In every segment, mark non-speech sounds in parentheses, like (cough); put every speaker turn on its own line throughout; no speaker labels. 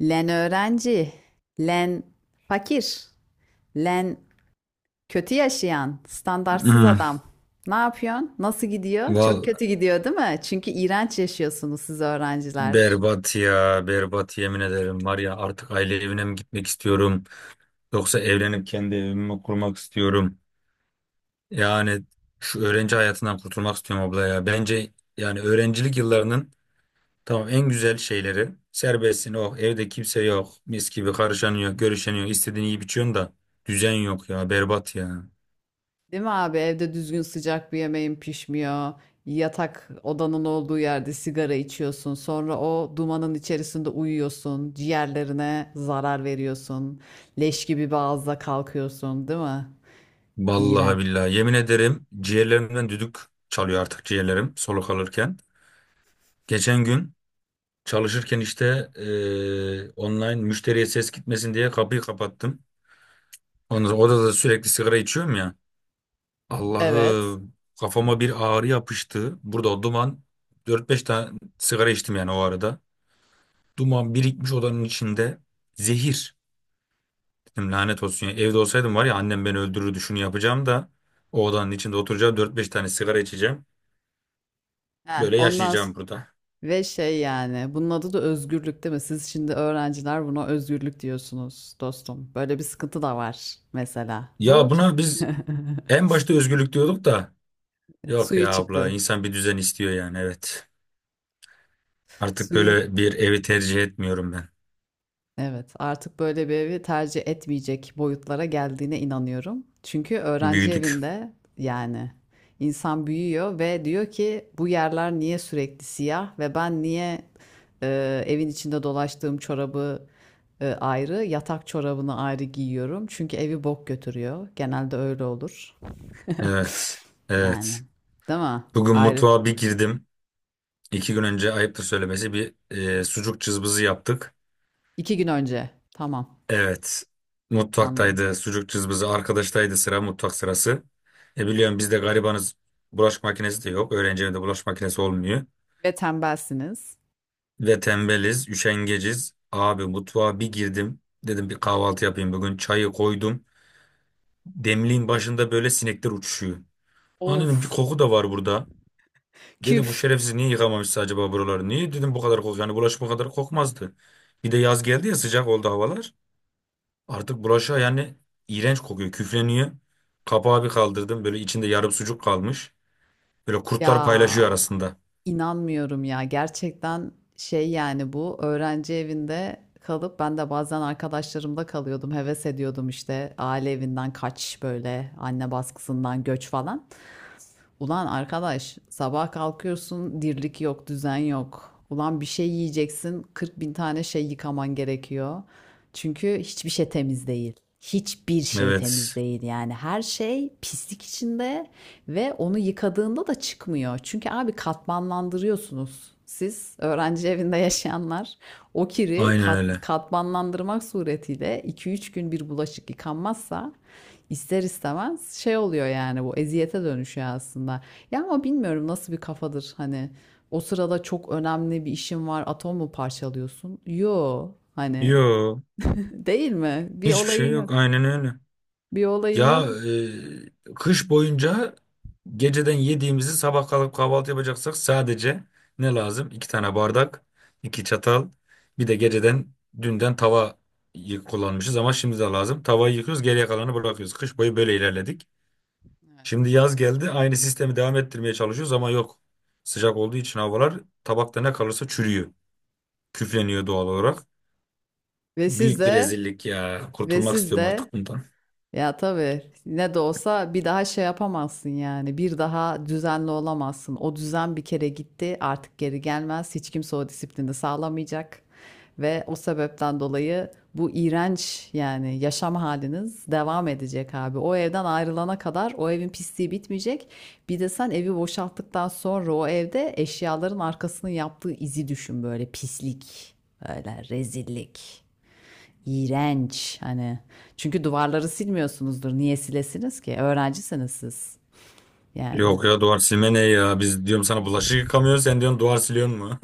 Len öğrenci, len fakir, len kötü yaşayan, standartsız
Hmm.
adam. Ne yapıyorsun? Nasıl gidiyor? Çok kötü
Val
gidiyor, değil mi? Çünkü iğrenç yaşıyorsunuz siz öğrenciler.
berbat ya berbat, yemin ederim, var ya, artık aile evine mi gitmek istiyorum yoksa evlenip kendi evimi mi kurmak istiyorum, yani şu öğrenci hayatından kurtulmak istiyorum abla. Ya bence yani öğrencilik yıllarının, tamam, en güzel şeyleri serbestsin, oh evde kimse yok, mis gibi, karışanıyor görüşeniyor istediğini yiyip içiyorsun da düzen yok ya, berbat ya.
Değil mi abi? Evde düzgün sıcak bir yemeğin pişmiyor. Yatak odanın olduğu yerde sigara içiyorsun. Sonra o dumanın içerisinde uyuyorsun. Ciğerlerine zarar veriyorsun. Leş gibi bir ağızla kalkıyorsun, değil mi?
Vallahi
İğrenç.
billahi yemin ederim ciğerlerimden düdük çalıyor artık, ciğerlerim soluk alırken geçen gün çalışırken işte online müşteriye ses gitmesin diye kapıyı kapattım. Ondan sonra odada sürekli sigara içiyorum ya.
Evet.
Allah'ım, kafama bir ağrı yapıştı. Burada o duman, 4-5 tane sigara içtim yani o arada. Duman birikmiş odanın içinde. Zehir. Dedim lanet olsun ya. Evde olsaydım var ya, annem beni öldürürdü şunu yapacağım da. O odanın içinde oturacağım, 4-5 tane sigara içeceğim.
Heh,
Böyle
ondan
yaşayacağım
sonra...
burada.
Ve şey yani bunun adı da özgürlük değil mi? Siz şimdi öğrenciler buna özgürlük diyorsunuz dostum. Böyle bir sıkıntı da var mesela. Bu
Ya buna
(laughs)
biz en başta özgürlük diyorduk da. Yok
suyu
ya abla,
çıktı.
insan bir düzen istiyor yani, evet. Artık
Suyu.
böyle bir evi tercih etmiyorum ben.
Evet, artık böyle bir evi tercih etmeyecek boyutlara geldiğine inanıyorum. Çünkü öğrenci
Büyüdük.
evinde yani insan büyüyor ve diyor ki bu yerler niye sürekli siyah ve ben niye e, evin içinde dolaştığım çorabı ayrı, yatak çorabını ayrı giyiyorum. Çünkü evi bok götürüyor. Genelde öyle olur. (laughs)
Evet.
Yani,
Evet.
değil mi?
Bugün
Ayrı.
mutfağa bir girdim. İki gün önce, ayıptır söylemesi, bir sucuk cızbızı yaptık.
İki gün önce. Tamam,
Evet.
anladım.
Mutfaktaydı sucuk cızbızı. Arkadaştaydı sıra, mutfak sırası. E biliyorum biz de garibanız. Bulaşık makinesi de yok. Öğrenci evinde bulaşık makinesi olmuyor.
Ve tembelsiniz.
Ve tembeliz, üşengeciz. Abi mutfağa bir girdim. Dedim bir kahvaltı yapayım bugün. Çayı koydum. Demliğin başında böyle sinekler uçuşuyor. Lan dedim, bir
Of,
koku da var burada. Dedi, bu
küf.
şerefsiz niye yıkamamışsa acaba buraları? Niye dedim bu kadar kok, yani bulaşık bu kadar kokmazdı. Bir de yaz geldi ya, sıcak oldu havalar. Artık bulaşığa yani iğrenç kokuyor, küfleniyor. Kapağı bir kaldırdım, böyle içinde yarım sucuk kalmış. Böyle kurtlar
Ya.
paylaşıyor arasında.
İnanmıyorum ya. Gerçekten şey yani bu öğrenci evinde kalıp ben de bazen arkadaşlarımda kalıyordum. Heves ediyordum işte aile evinden kaç böyle anne baskısından göç falan. Ulan arkadaş sabah kalkıyorsun dirlik yok düzen yok. Ulan bir şey yiyeceksin 40 bin tane şey yıkaman gerekiyor. Çünkü hiçbir şey temiz değil. Hiçbir şey temiz
Evet,
değil yani her şey pislik içinde ve onu yıkadığında da çıkmıyor. Çünkü abi katmanlandırıyorsunuz. Siz öğrenci evinde yaşayanlar o kiri
aynen öyle.
katmanlandırmak suretiyle iki üç gün bir bulaşık yıkanmazsa İster istemez şey oluyor yani bu eziyete dönüşüyor aslında. Ya ama bilmiyorum nasıl bir kafadır hani o sırada çok önemli bir işin var atom mu parçalıyorsun? Yo hani
Yo,
(laughs) değil mi? Bir
hiçbir şey
olayın yok.
yok, aynen öyle.
Bir olayın
Ya,
yok.
kış boyunca geceden yediğimizi sabah kalkıp kahvaltı yapacaksak sadece ne lazım? İki tane bardak, iki çatal, bir de geceden dünden tava kullanmışız, ama şimdi de lazım. Tavayı yıkıyoruz, geriye kalanı bırakıyoruz. Kış boyu böyle ilerledik.
Evet,
Şimdi yaz geldi, aynı sistemi devam ettirmeye çalışıyoruz ama yok. Sıcak olduğu için havalar, tabakta ne kalırsa çürüyor.
evet.
Küfleniyor doğal olarak.
Ve siz
Büyük bir
de
rezillik ya.
ve
Kurtulmak
siz
istiyorum
de
artık bundan.
Ya tabii ne de olsa bir daha şey yapamazsın yani. Bir daha düzenli olamazsın. O düzen bir kere gitti, artık geri gelmez. Hiç kimse o disiplini sağlamayacak. Ve o sebepten dolayı bu iğrenç yani yaşam haliniz devam edecek abi. O evden ayrılana kadar o evin pisliği bitmeyecek. Bir de sen evi boşalttıktan sonra o evde eşyaların arkasının yaptığı izi düşün böyle pislik, böyle rezillik. İğrenç hani. Çünkü duvarları silmiyorsunuzdur. Niye silesiniz ki? Öğrencisiniz siz. Yani
Yok ya, duvar silme ne ya? Biz diyorum sana bulaşık yıkamıyoruz, sen diyorsun duvar siliyorsun mu?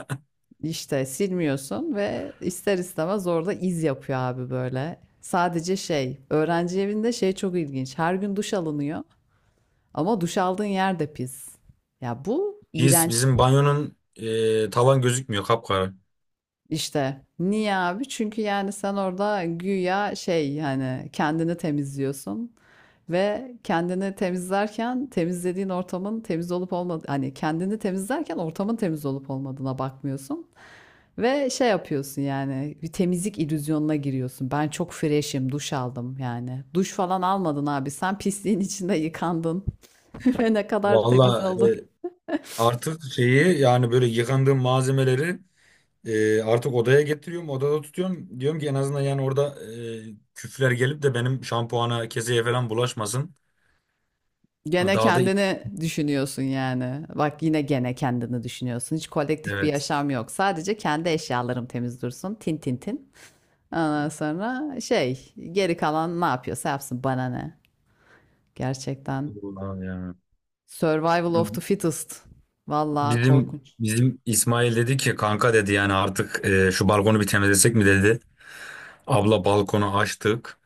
işte silmiyorsun ve ister istemez orada iz yapıyor abi böyle. Sadece şey, öğrenci evinde şey çok ilginç. Her gün duş alınıyor ama duş aldığın yer de pis. Ya bu
(laughs) Pis,
iğrenç.
bizim banyonun tavan gözükmüyor, kapkara.
İşte niye abi? Çünkü yani sen orada güya şey yani kendini temizliyorsun ve kendini temizlerken temizlediğin ortamın temiz olup olmadı hani kendini temizlerken ortamın temiz olup olmadığına bakmıyorsun ve şey yapıyorsun yani bir temizlik illüzyonuna giriyorsun. Ben çok fresh'im, duş aldım yani. Duş falan almadın abi. Sen pisliğin içinde yıkandın (laughs) ve ne kadar temiz
Valla,
oldu.
artık şeyi yani, böyle yıkandığım malzemeleri artık odaya getiriyorum, odada tutuyorum. Diyorum ki en azından yani orada küfler gelip de benim şampuana, keseye falan bulaşmasın. Hani
Gene
daha da
kendini düşünüyorsun yani. Bak yine gene kendini düşünüyorsun. Hiç kolektif bir
evet.
yaşam yok. Sadece kendi eşyalarım temiz dursun. Tin tin tin. Ondan sonra şey geri kalan ne yapıyorsa yapsın bana ne. Gerçekten
Ulan ya.
survival of the fittest. Vallahi
Bizim
korkunç.
bizim İsmail dedi ki, kanka dedi yani artık şu balkonu bir temizlesek mi dedi. Abla balkonu açtık.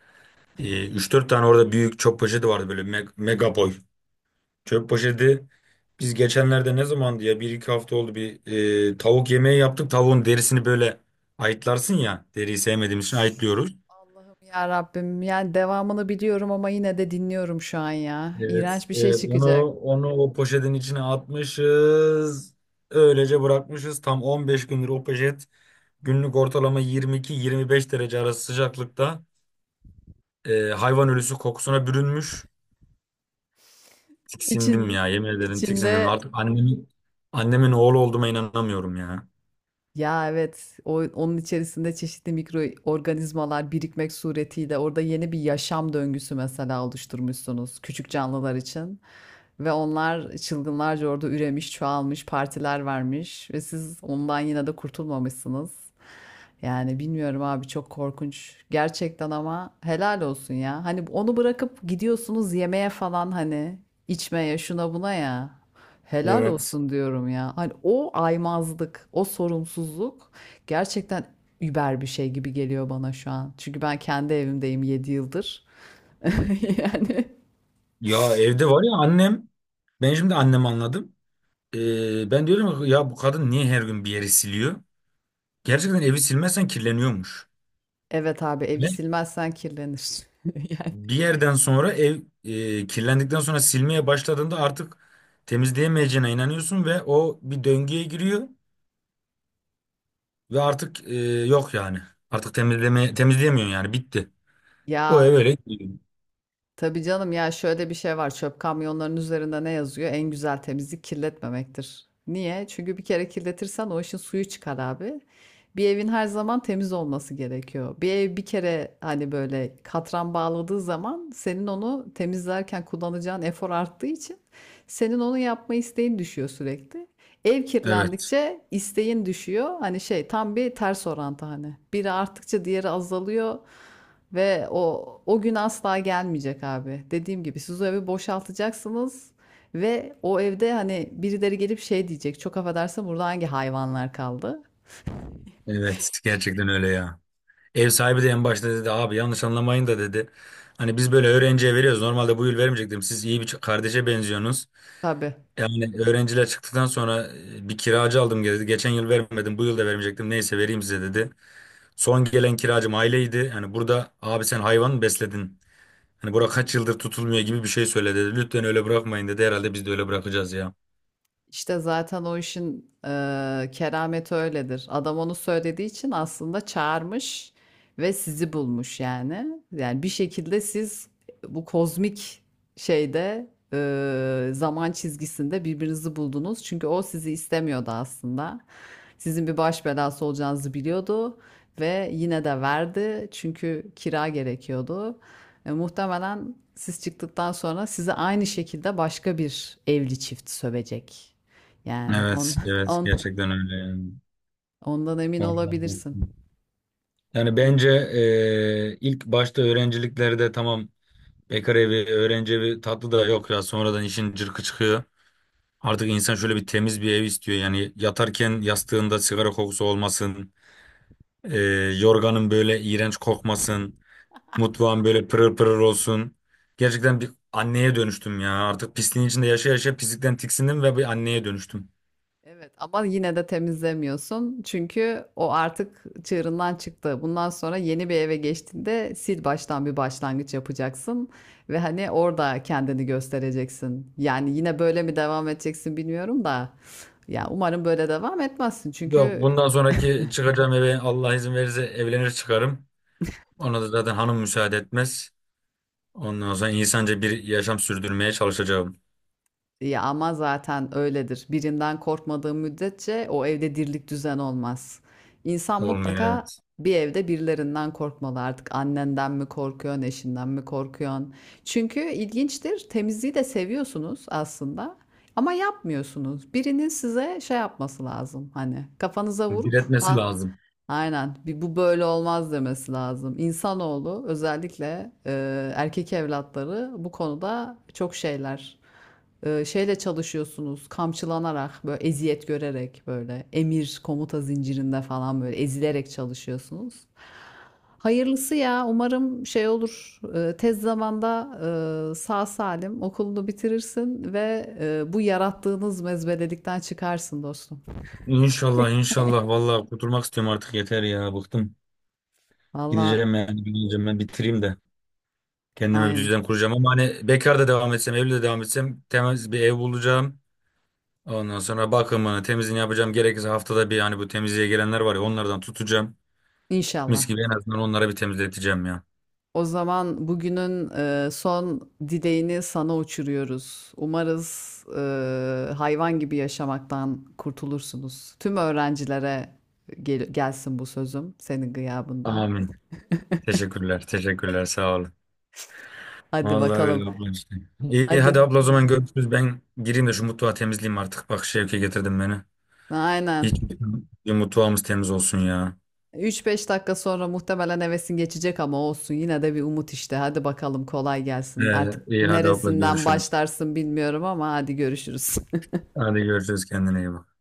Ee, 3-4 tane orada büyük çöp poşeti vardı böyle mega boy. Çöp poşeti biz geçenlerde, ne zamandı ya, bir iki hafta oldu, bir tavuk yemeği yaptık. Tavuğun derisini böyle ayıtlarsın ya, deriyi
Of.
sevmediğimiz için ayıtlıyoruz.
Allah'ım ya Rabbim. Yani devamını biliyorum ama yine de dinliyorum şu an ya.
Evet,
İğrenç bir şey
evet,
çıkacak.
onu o poşetin içine atmışız. Öylece bırakmışız. Tam 15 gündür o poşet, günlük ortalama 22-25 derece arası sıcaklıkta, hayvan ölüsü kokusuna bürünmüş. Tiksindim
İçinde.
ya, yemin ederim tiksindim.
İçinde.
Artık annemin oğlu olduğuma inanamıyorum ya.
Ya evet, onun içerisinde çeşitli mikroorganizmalar birikmek suretiyle orada yeni bir yaşam döngüsü mesela oluşturmuşsunuz küçük canlılar için. Ve onlar çılgınlarca orada üremiş, çoğalmış, partiler vermiş ve siz ondan yine de kurtulmamışsınız. Yani bilmiyorum abi çok korkunç. Gerçekten ama helal olsun ya. Hani onu bırakıp gidiyorsunuz yemeğe falan hani içmeye şuna buna ya. Helal
Evet.
olsun diyorum ya. Hani o aymazlık, o sorumsuzluk gerçekten über bir şey gibi geliyor bana şu an. Çünkü ben kendi evimdeyim 7 yıldır. (laughs) Yani.
Ya evde var ya, annem, ben şimdi annemi anladım. Ben diyorum ki, ya bu kadın niye her gün bir yeri siliyor? Gerçekten evi silmezsen kirleniyormuş.
Evet abi, evi
Ve
silmezsen kirlenir. (laughs) Yani.
bir yerden sonra ev, kirlendikten sonra silmeye başladığında artık temizleyemeyeceğine inanıyorsun ve o bir döngüye giriyor ve artık yok yani. Artık temizleyemiyorsun yani, bitti. O ev
Ya
öyle gidiyor.
tabii canım ya şöyle bir şey var. Çöp kamyonlarının üzerinde ne yazıyor? En güzel temizlik kirletmemektir. Niye? Çünkü bir kere kirletirsen o işin suyu çıkar abi. Bir evin her zaman temiz olması gerekiyor. Bir ev bir kere hani böyle katran bağladığı zaman senin onu temizlerken kullanacağın efor arttığı için senin onu yapma isteğin düşüyor sürekli. Ev
Evet.
kirlendikçe isteğin düşüyor. Hani şey tam bir ters orantı hani. Biri arttıkça diğeri azalıyor. Ve o gün asla gelmeyecek abi. Dediğim gibi siz o evi boşaltacaksınız ve o evde hani birileri gelip şey diyecek. Çok affedersin burada hangi hayvanlar kaldı?
Evet, gerçekten öyle ya. Ev sahibi de en başta dedi, abi yanlış anlamayın da dedi. Hani biz böyle öğrenciye veriyoruz. Normalde bu yıl vermeyecektim. Siz iyi bir kardeşe benziyorsunuz.
Tabii.
Yani öğrenciler çıktıktan sonra bir kiracı aldım dedi. Geçen yıl vermedim, bu yıl da vermeyecektim. Neyse vereyim size dedi. Son gelen kiracım aileydi. Hani burada abi sen hayvan mı besledin? Hani bura kaç yıldır tutulmuyor gibi bir şey söyledi dedi. Lütfen öyle bırakmayın dedi. Herhalde biz de öyle bırakacağız ya.
İşte zaten o işin kerameti öyledir. Adam onu söylediği için aslında çağırmış ve sizi bulmuş yani. Yani bir şekilde siz bu kozmik şeyde zaman çizgisinde birbirinizi buldunuz. Çünkü o sizi istemiyordu aslında. Sizin bir baş belası olacağınızı biliyordu ve yine de verdi çünkü kira gerekiyordu. Muhtemelen siz çıktıktan sonra sizi aynı şekilde başka bir evli çift sövecek. Yani
Evet,
(laughs)
evet,
on,
gerçekten öyle yani.
ondan emin olabilirsin.
(laughs) Yani bence, ilk başta öğrenciliklerde tamam, bekar evi, öğrenci evi tatlı da, yok ya, sonradan işin cırkı çıkıyor. Artık insan şöyle bir temiz bir ev istiyor. Yani yatarken yastığında sigara kokusu olmasın, eee, yorganın böyle iğrenç kokmasın, mutfağın böyle pırır pırır olsun. Gerçekten bir anneye dönüştüm ya. Artık pisliğin içinde yaşa yaşa pislikten tiksindim ve bir anneye dönüştüm.
Evet ama yine de temizlemiyorsun. Çünkü o artık çığırından çıktı. Bundan sonra yeni bir eve geçtiğinde sil baştan bir başlangıç yapacaksın ve hani orada kendini göstereceksin. Yani yine böyle mi devam edeceksin bilmiyorum da. Ya umarım böyle devam etmezsin.
Yok,
Çünkü.
bundan sonraki çıkacağım eve Allah izin verirse evlenir çıkarım. Ona da zaten hanım müsaade etmez. Ondan sonra insanca bir yaşam sürdürmeye çalışacağım.
Ya ama zaten öyledir. Birinden korkmadığı müddetçe o evde dirlik düzen olmaz. İnsan
Olmuyor,
mutlaka
evet.
bir evde birilerinden korkmalı artık. Annenden mi korkuyorsun, eşinden mi korkuyorsun? Çünkü ilginçtir. Temizliği de seviyorsunuz aslında. Ama yapmıyorsunuz. Birinin size şey yapması lazım. Hani kafanıza vurup
Bir
ha
lazım.
aynen bir bu böyle olmaz demesi lazım. İnsanoğlu özellikle erkek evlatları bu konuda çok şeyler şeyle çalışıyorsunuz kamçılanarak böyle eziyet görerek böyle emir komuta zincirinde falan böyle ezilerek çalışıyorsunuz. Hayırlısı ya umarım şey olur tez zamanda sağ salim okulunu bitirirsin ve bu yarattığınız mezbelelikten çıkarsın dostum.
İnşallah, inşallah. Vallahi kurtulmak istiyorum artık, yeter ya. Bıktım.
Valla
Gideceğim yani. Gideceğim, ben bitireyim de. Kendime bir
aynen
düzen kuracağım. Ama hani bekar da devam etsem, evli de devam etsem, temiz bir ev bulacağım. Ondan sonra bakımını, temizliğini yapacağım. Gerekirse haftada bir, hani bu temizliğe gelenler var ya, onlardan tutacağım. Mis
inşallah.
gibi en azından onlara bir temizleteceğim ya.
O zaman bugünün son dileğini sana uçuruyoruz. Umarız hayvan gibi yaşamaktan kurtulursunuz. Tüm öğrencilere gelsin bu sözüm senin gıyabında.
Amin. Teşekkürler. Teşekkürler. Sağ olun.
Hadi
Vallahi öyle
bakalım.
abla işte. İyi
Hadi.
hadi abla, o zaman görüşürüz. Ben gireyim de şu mutfağı temizleyeyim artık. Bak, Şevke getirdim beni. Hiç
Aynen.
bir mutfağımız temiz olsun ya.
3-5 dakika sonra muhtemelen hevesin geçecek ama olsun. Yine de bir umut işte. Hadi bakalım kolay gelsin.
Ee,
Artık
iyi hadi abla,
neresinden
görüşürüz.
başlarsın bilmiyorum ama hadi görüşürüz. (laughs)
Hadi görüşürüz, kendine iyi bak.